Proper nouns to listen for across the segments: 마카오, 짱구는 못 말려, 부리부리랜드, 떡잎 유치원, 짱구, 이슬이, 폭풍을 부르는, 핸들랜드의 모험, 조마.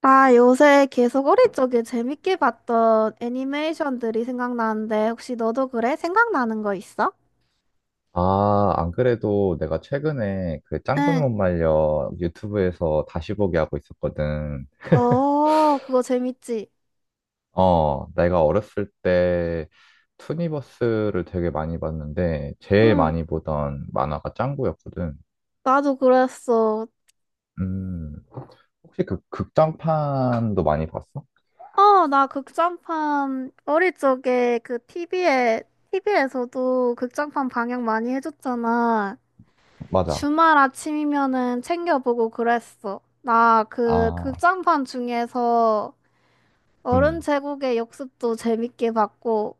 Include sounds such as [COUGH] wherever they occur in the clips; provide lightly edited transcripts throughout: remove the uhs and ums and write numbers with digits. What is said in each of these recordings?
아, 요새 계속 어릴 적에 재밌게 봤던 애니메이션들이 생각나는데, 혹시 너도 그래? 생각나는 거 있어? 아, 안 그래도 내가 최근에 그 짱구는 응. 못 말려 유튜브에서 다시 보기 하고 있었거든. 어, 그거 재밌지? 어, 내가 어렸을 때 투니버스를 되게 많이 봤는데 제일 응, 많이 보던 만화가 짱구였거든. 나도 그랬어. 음, 혹시 그 극장판도 많이 봤어? 어, 나 극장판 어릴 적에 그 TV에서도 극장판 방영 많이 해줬잖아. 맞아. 주말 아침이면은 챙겨보고 그랬어. 나 그 아, 극장판 중에서 어른 음, 제국의 역습도 재밌게 봤고,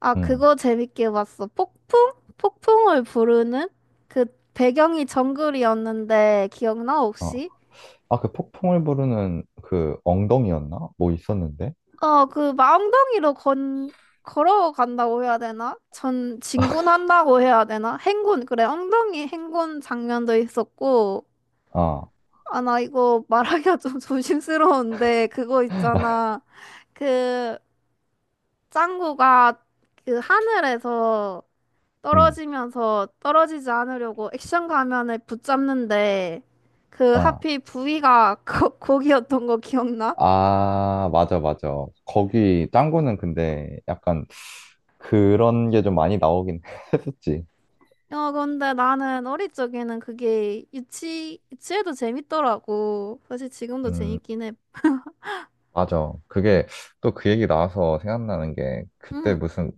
아, 음, 그거 재밌게 봤어. 폭풍? 폭풍을 부르는? 그 배경이 정글이었는데, 기억나, 어. 혹시? 아, 그 폭풍을 부르는 그 엉덩이였나? 뭐 있었는데? 어, 걸어간다고 해야 되나? 전 진군한다고 해야 되나? 행군, 그래, 엉덩이 행군 장면도 있었고, 아, 아, 나 이거 말하기가 좀 [LAUGHS] 조심스러운데, 그거 있잖아. 그 짱구가 그 하늘에서 음, 떨어지면서 떨어지지 않으려고 액션 가면을 붙잡는데 그 아. 하필 부위가 [LAUGHS] 고기였던 거 기억나? 아, 맞아, 맞아. 거기, 짱구는 근데 약간 그런 게 좀 많이 나오긴 [LAUGHS] 했었지. 어, 근데 나는 어릴 적에는 그게 유치해도 재밌더라고. 사실 지금도 음, 재밌긴 해. 맞아. 그게 또 그 얘기 나와서 생각나는 게 그때 응, 무슨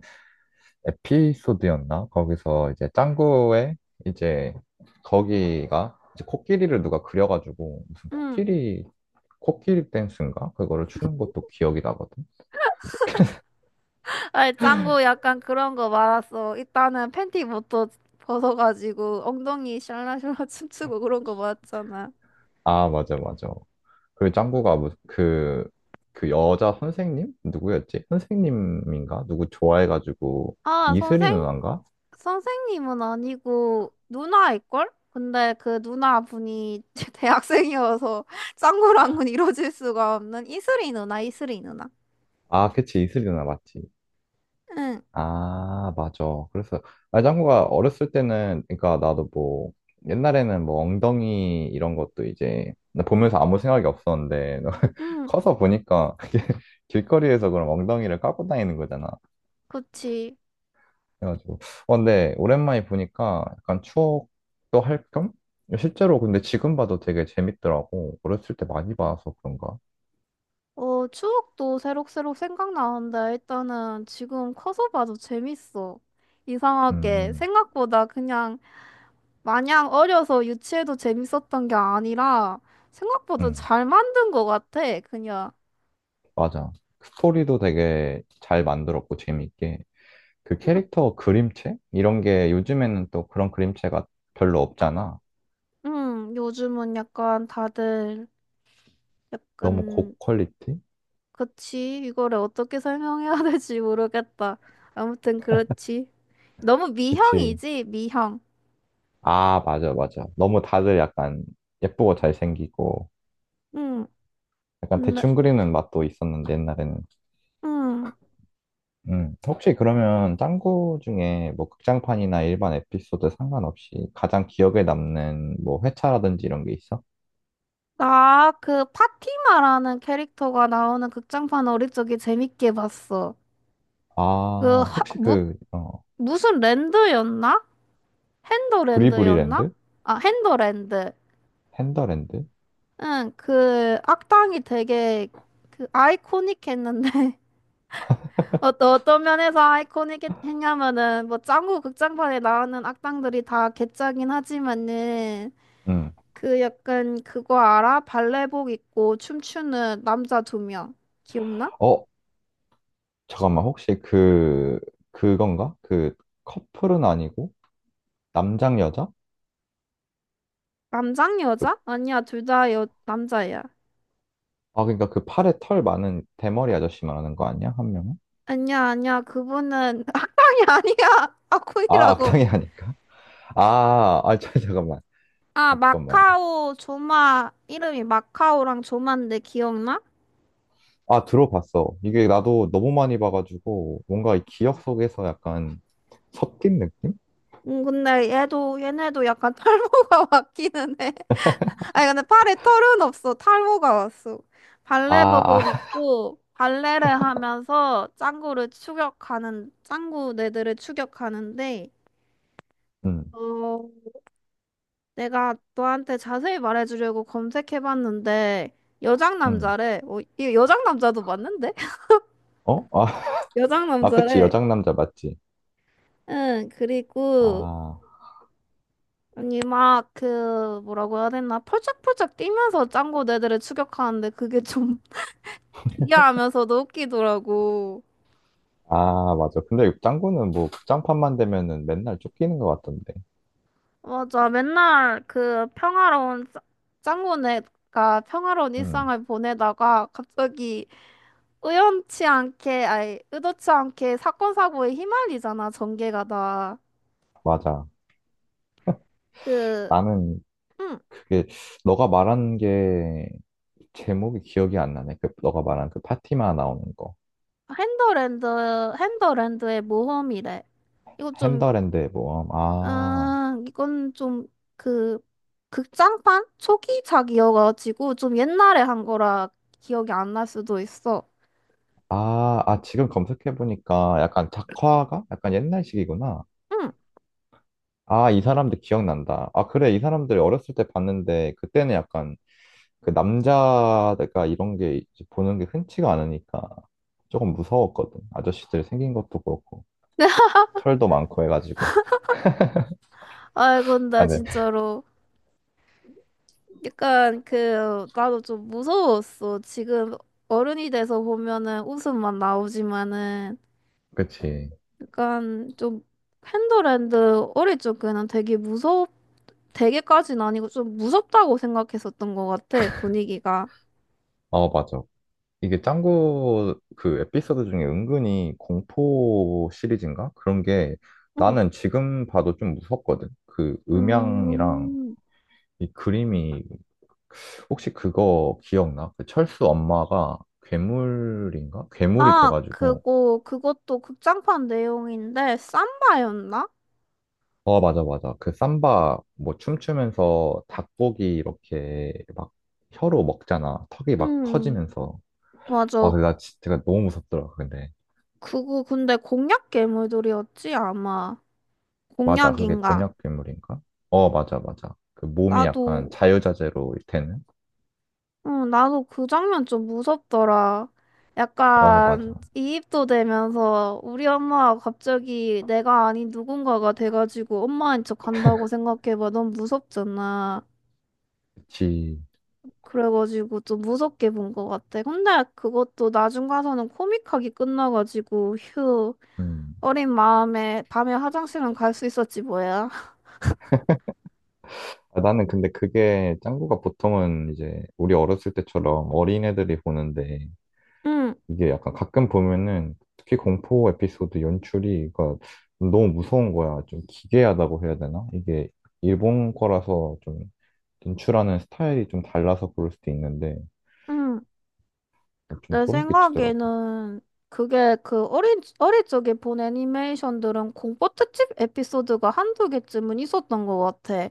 에피소드였나? 거기서 이제 짱구의 이제 거기가 이제 코끼리를 누가 그려가지고 무슨 응. 코끼리, 코끼리 댄스인가? 그거를 추는 것도 기억이 나거든. 아이, 짱구 약간 그런 거 많았어. 일단은 팬티부터 벗어가지고 엉덩이 샬라샬라 [LAUGHS] 춤추고 그런 거 많았잖아. 아, 맞아, 맞아. 그 짱구가 뭐 그, 그 여자 선생님? 누구였지? 선생님인가? 누구 좋아해가지고 아, 이슬이 선생 누나인가? 선생님은 아니고 누나일걸? 근데 그 누나분이 [LAUGHS] 대학생이어서 [LAUGHS] 짱구랑은 이루어질 수가 없는 이슬이 누나, 이슬이 누나. 아, 그치, 이슬이 누나 맞지. 응, 아, 맞아. 그래서, 아, 짱구가 어렸을 때는, 그러니까 나도 뭐, 옛날에는 뭐 엉덩이 이런 것도 이제 나 보면서 아무 생각이 없었는데 [LAUGHS] 응, 커서 보니까 그게 [LAUGHS] 길거리에서 그런 엉덩이를 까고 다니는 거잖아. 그치. 그래가지고 어 근데 오랜만에 보니까 약간 추억도 할 겸? 실제로 근데 지금 봐도 되게 재밌더라고. 어렸을 때 많이 봐서 그런가? 어, 추억도 새록새록 생각나는데 일단은 지금 커서 봐도 재밌어. 이상하게 음, 생각보다 그냥 마냥 어려서 유치해도 재밌었던 게 아니라 생각보다 음, 잘 만든 것 같아, 그냥. 맞아. 그 스토리도 되게 잘 만들었고 재밌게. 그 응, 캐릭터 그림체? 이런 게 요즘에는 또 그런 그림체가 별로 없잖아. 응, 요즘은 약간 다들 너무 약간, 고퀄리티? 그치. 이거를 어떻게 설명해야 [LAUGHS] 될지 모르겠다. 아무튼 그렇지. 너무 그치. 미형이지, 미형. 아, 맞아, 맞아. 너무 다들 약간 예쁘고 잘생기고 응, 약간 나, 대충 그리는 맛도 있었는데 옛날에는. 응. 혹시 그러면 짱구 중에 뭐 극장판이나 일반 에피소드 상관없이 가장 기억에 남는 뭐 회차라든지 이런 게 있어? 나 그 파티마라는 캐릭터가 나오는 극장판 어릴 적에 재밌게 봤어. 그, 아, 하, 혹시 무, 그, 어, 무슨 랜드였나? 핸더랜드였나? 부리부리랜드? 아, 핸더랜드. 핸더랜드? 응, 그 악당이 되게 그 아이코닉했는데 어, 또 어떤 면에서 아이코닉했냐면은 뭐 짱구 극장판에 나오는 악당들이 다 개짜긴 하지만은 음. 그 약간 그거 알아? 발레복 입고 춤추는 남자 두 명. 기억나? 어, 잠깐만, 혹시 그, 그건가? 그 커플은 아니고 남장 여자? 남장 그- 여자? 아니야, 둘 다 여 남자야. 아, 그러니까 그 팔에 털 많은 대머리 아저씨 말하는 거 아니야? 한 명은? 아니야 아니야, 그분은 [LAUGHS] 악당이 아니야. 아, 아코이라고. 악당이 아닐까? 아, 아, [LAUGHS] 잠깐만, 아 잠깐만. 마카오 조마, 이름이 마카오랑 조마인데 기억나? 아, 들어봤어. 이게 나도 너무 많이 봐가지고 뭔가 이 기억 속에서 약간 섞인 느낌? 근데 얘도 얘네도 약간 [LAUGHS] 탈모가 왔기는 해. 아니 근데 팔에 털은 없어. 탈모가 왔어. 아, 아, 발레복을 [LAUGHS] 입고 발레를 하면서 짱구 네들을 추격하는데 음, 어 내가 너한테 자세히 말해주려고 검색해봤는데 여장 음. 남자래. 어, 이 여장 남자도 맞는데? [LAUGHS] 어? 아, 여장 아, 그치. 남자래. 여장남자 맞지? 응 그리고 아, 아니 막 그 뭐라고 해야 되나 펄쩍펄쩍 뛰면서 짱구 네들을 추격하는데 그게 좀 [LAUGHS] 기괴하면서도 웃기더라고. 아, 맞아. 근데 짱구는 뭐 극장판만 되면은 맨날 쫓기는 것 같던데. 맞아. 맨날 그 평화로운 짱구네가 평화로운 음, 일상을 보내다가 갑자기 우연치 않게, 아니, 의도치 않게 사건 사고에 휘말리잖아, 전개가 다. 맞아. 그, 나는 응, 그게 너가 말한 게 제목이 기억이 안 나네. 그 너가 말한 그 파티마 나오는 거. 핸더랜드, 핸더랜드의 모험이래. 이거 좀, 핸들랜드의 모험. 아. 이건 좀 그, 극장판? 초기작이어가지고 좀 옛날에 한 거라 기억이 안 날 수도 있어. 아, 아, 지금 검색해보니까 약간 작화가? 약간 옛날식이구나. 응. 아, 이 사람들 기억난다. 아, 그래, 이 사람들 어렸을 때 봤는데, 그때는 약간 그 남자가 이런 게 이제 보는 게 흔치가 않으니까 조금 무서웠거든. 아저씨들 생긴 것도 그렇고, [LAUGHS] 털도 많고 해가지고. 아, 아, 근데 네. 진짜로. 약간 그 나도 좀 무서웠어. 지금 어른이 돼서 보면은 웃음만 나오지만은 그치. 약간 좀 팬더랜드 어릴 적에는 되게까지는 아니고 좀 무섭다고 생각했었던 것 같아 분위기가. 어, 맞아. 이게 짱구 그 에피소드 중에 은근히 공포 시리즈인가? 그런 게 응. 나는 지금 봐도 좀 무섭거든. 그 음향이랑 음. 이 그림이 혹시 그거 기억나? 그 철수 엄마가 괴물인가? 괴물이 아 돼가지고 그거 그것도 극장판 내용인데 삼바였나? 어 맞아 맞아 그 삼바 뭐 춤추면서 닭고기 이렇게 막 혀로 먹잖아 턱이 막 응. 커지면서 와 맞아. 근데 나 진짜 너무 무섭더라 근데 그거 근데 공약 괴물들이었지 아마. 맞아 그게 공약인가? 곤약 괴물인가? 어 맞아 맞아 그 몸이 나도 약간 자유자재로 되는 응, 나도 그 장면 좀 무섭더라. 아 맞아 약간 이입도 되면서 우리 엄마가 갑자기 내가 아닌 누군가가 돼가지고 엄마인 척 간다고 생각해봐. 넌 무섭잖아. 그치 그래가지고 좀 무섭게 본 것 같아. 근데 그것도 나중 가서는 코믹하게 끝나가지고 휴 음 어린 마음에 밤에 화장실은 갈 수 있었지 뭐야. [LAUGHS] 아, 나는 근데 그게 짱구가 보통은 이제 우리 어렸을 때처럼 어린애들이 보는데 응, 이게 약간 가끔 보면은 특히 공포 에피소드 연출이 그러니까 너무 무서운 거야. 좀 기괴하다고 해야 되나? 이게 일본 거라서 좀 연출하는 스타일이 좀 달라서 그럴 수도 있는데 응. 좀 내 소름 끼치더라고. 생각에는 그게 그 어릴 적에 본 애니메이션들은 공포 특집 에피소드가 한두 개쯤은 있었던 것 같아.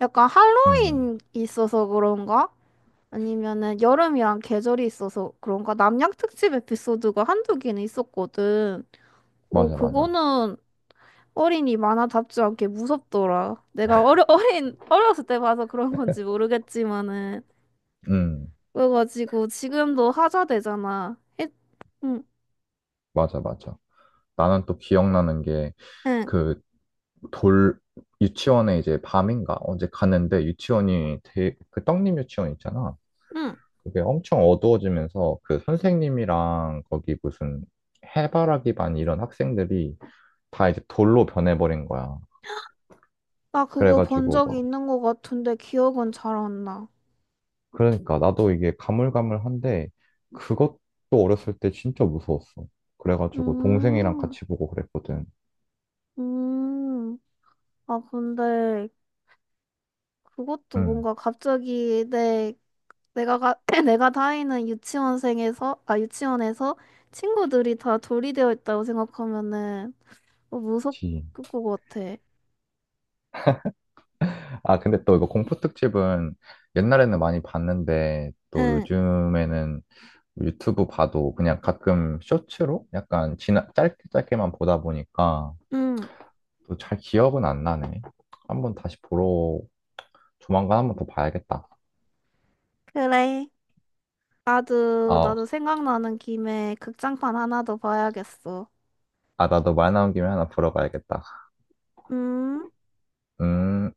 약간 음, 할로윈 있어서 그런가? 아니면은 여름이랑 계절이 있어서 그런가? 남양 특집 에피소드가 한두 개는 있었거든. 오, 맞아, 맞아. 그거는 어린이 만화답지 않게 무섭더라. [LAUGHS] 어렸을 때 봐서 그런 건지 모르겠지만은. 음, 그래가지고 지금도 하자 되잖아. 했, 응. 맞아, 맞아. 나는 또 기억나는 게 응. 그 돌, 유치원에 이제 밤인가 언제 갔는데 그 떡잎 유치원 있잖아. 응, 그게 엄청 어두워지면서 그 선생님이랑 거기 무슨 해바라기 반 이런 학생들이 다 이제 돌로 변해버린 거야. 나 그거 본 그래가지고 적이 막 있는 것 같은데 기억은 잘 안 나. 그러니까 나도 이게 가물가물한데 그것도 어렸을 때 진짜 무서웠어. 그래가지고 동생이랑 음, 같이 보고 그랬거든. 음. 아, 근데 그것도 응, 뭔가 갑자기 내, 내가, 가, [CLEARS THROAT] 내가 다니는 유치원에서 친구들이 다 돌이 되어 있다고 생각하면은 어, 그치. 무섭을 것 같아. 아, 근데 또 이거 공포 특집은 옛날에는 많이 봤는데 또 응, 요즘에는 유튜브 봐도 그냥 가끔 쇼츠로 약간 지나 짧게 짧게만 보다 보니까 응, 또 잘 기억은 안 나네. 한번 다시 보러, 조만간 한번 더 봐야겠다. 그래. 어, 나도 생각나는 김에 극장판 하나 더 봐야겠어. 아, 나도 말 나온 김에 하나 보러 가야겠다. 음. 음.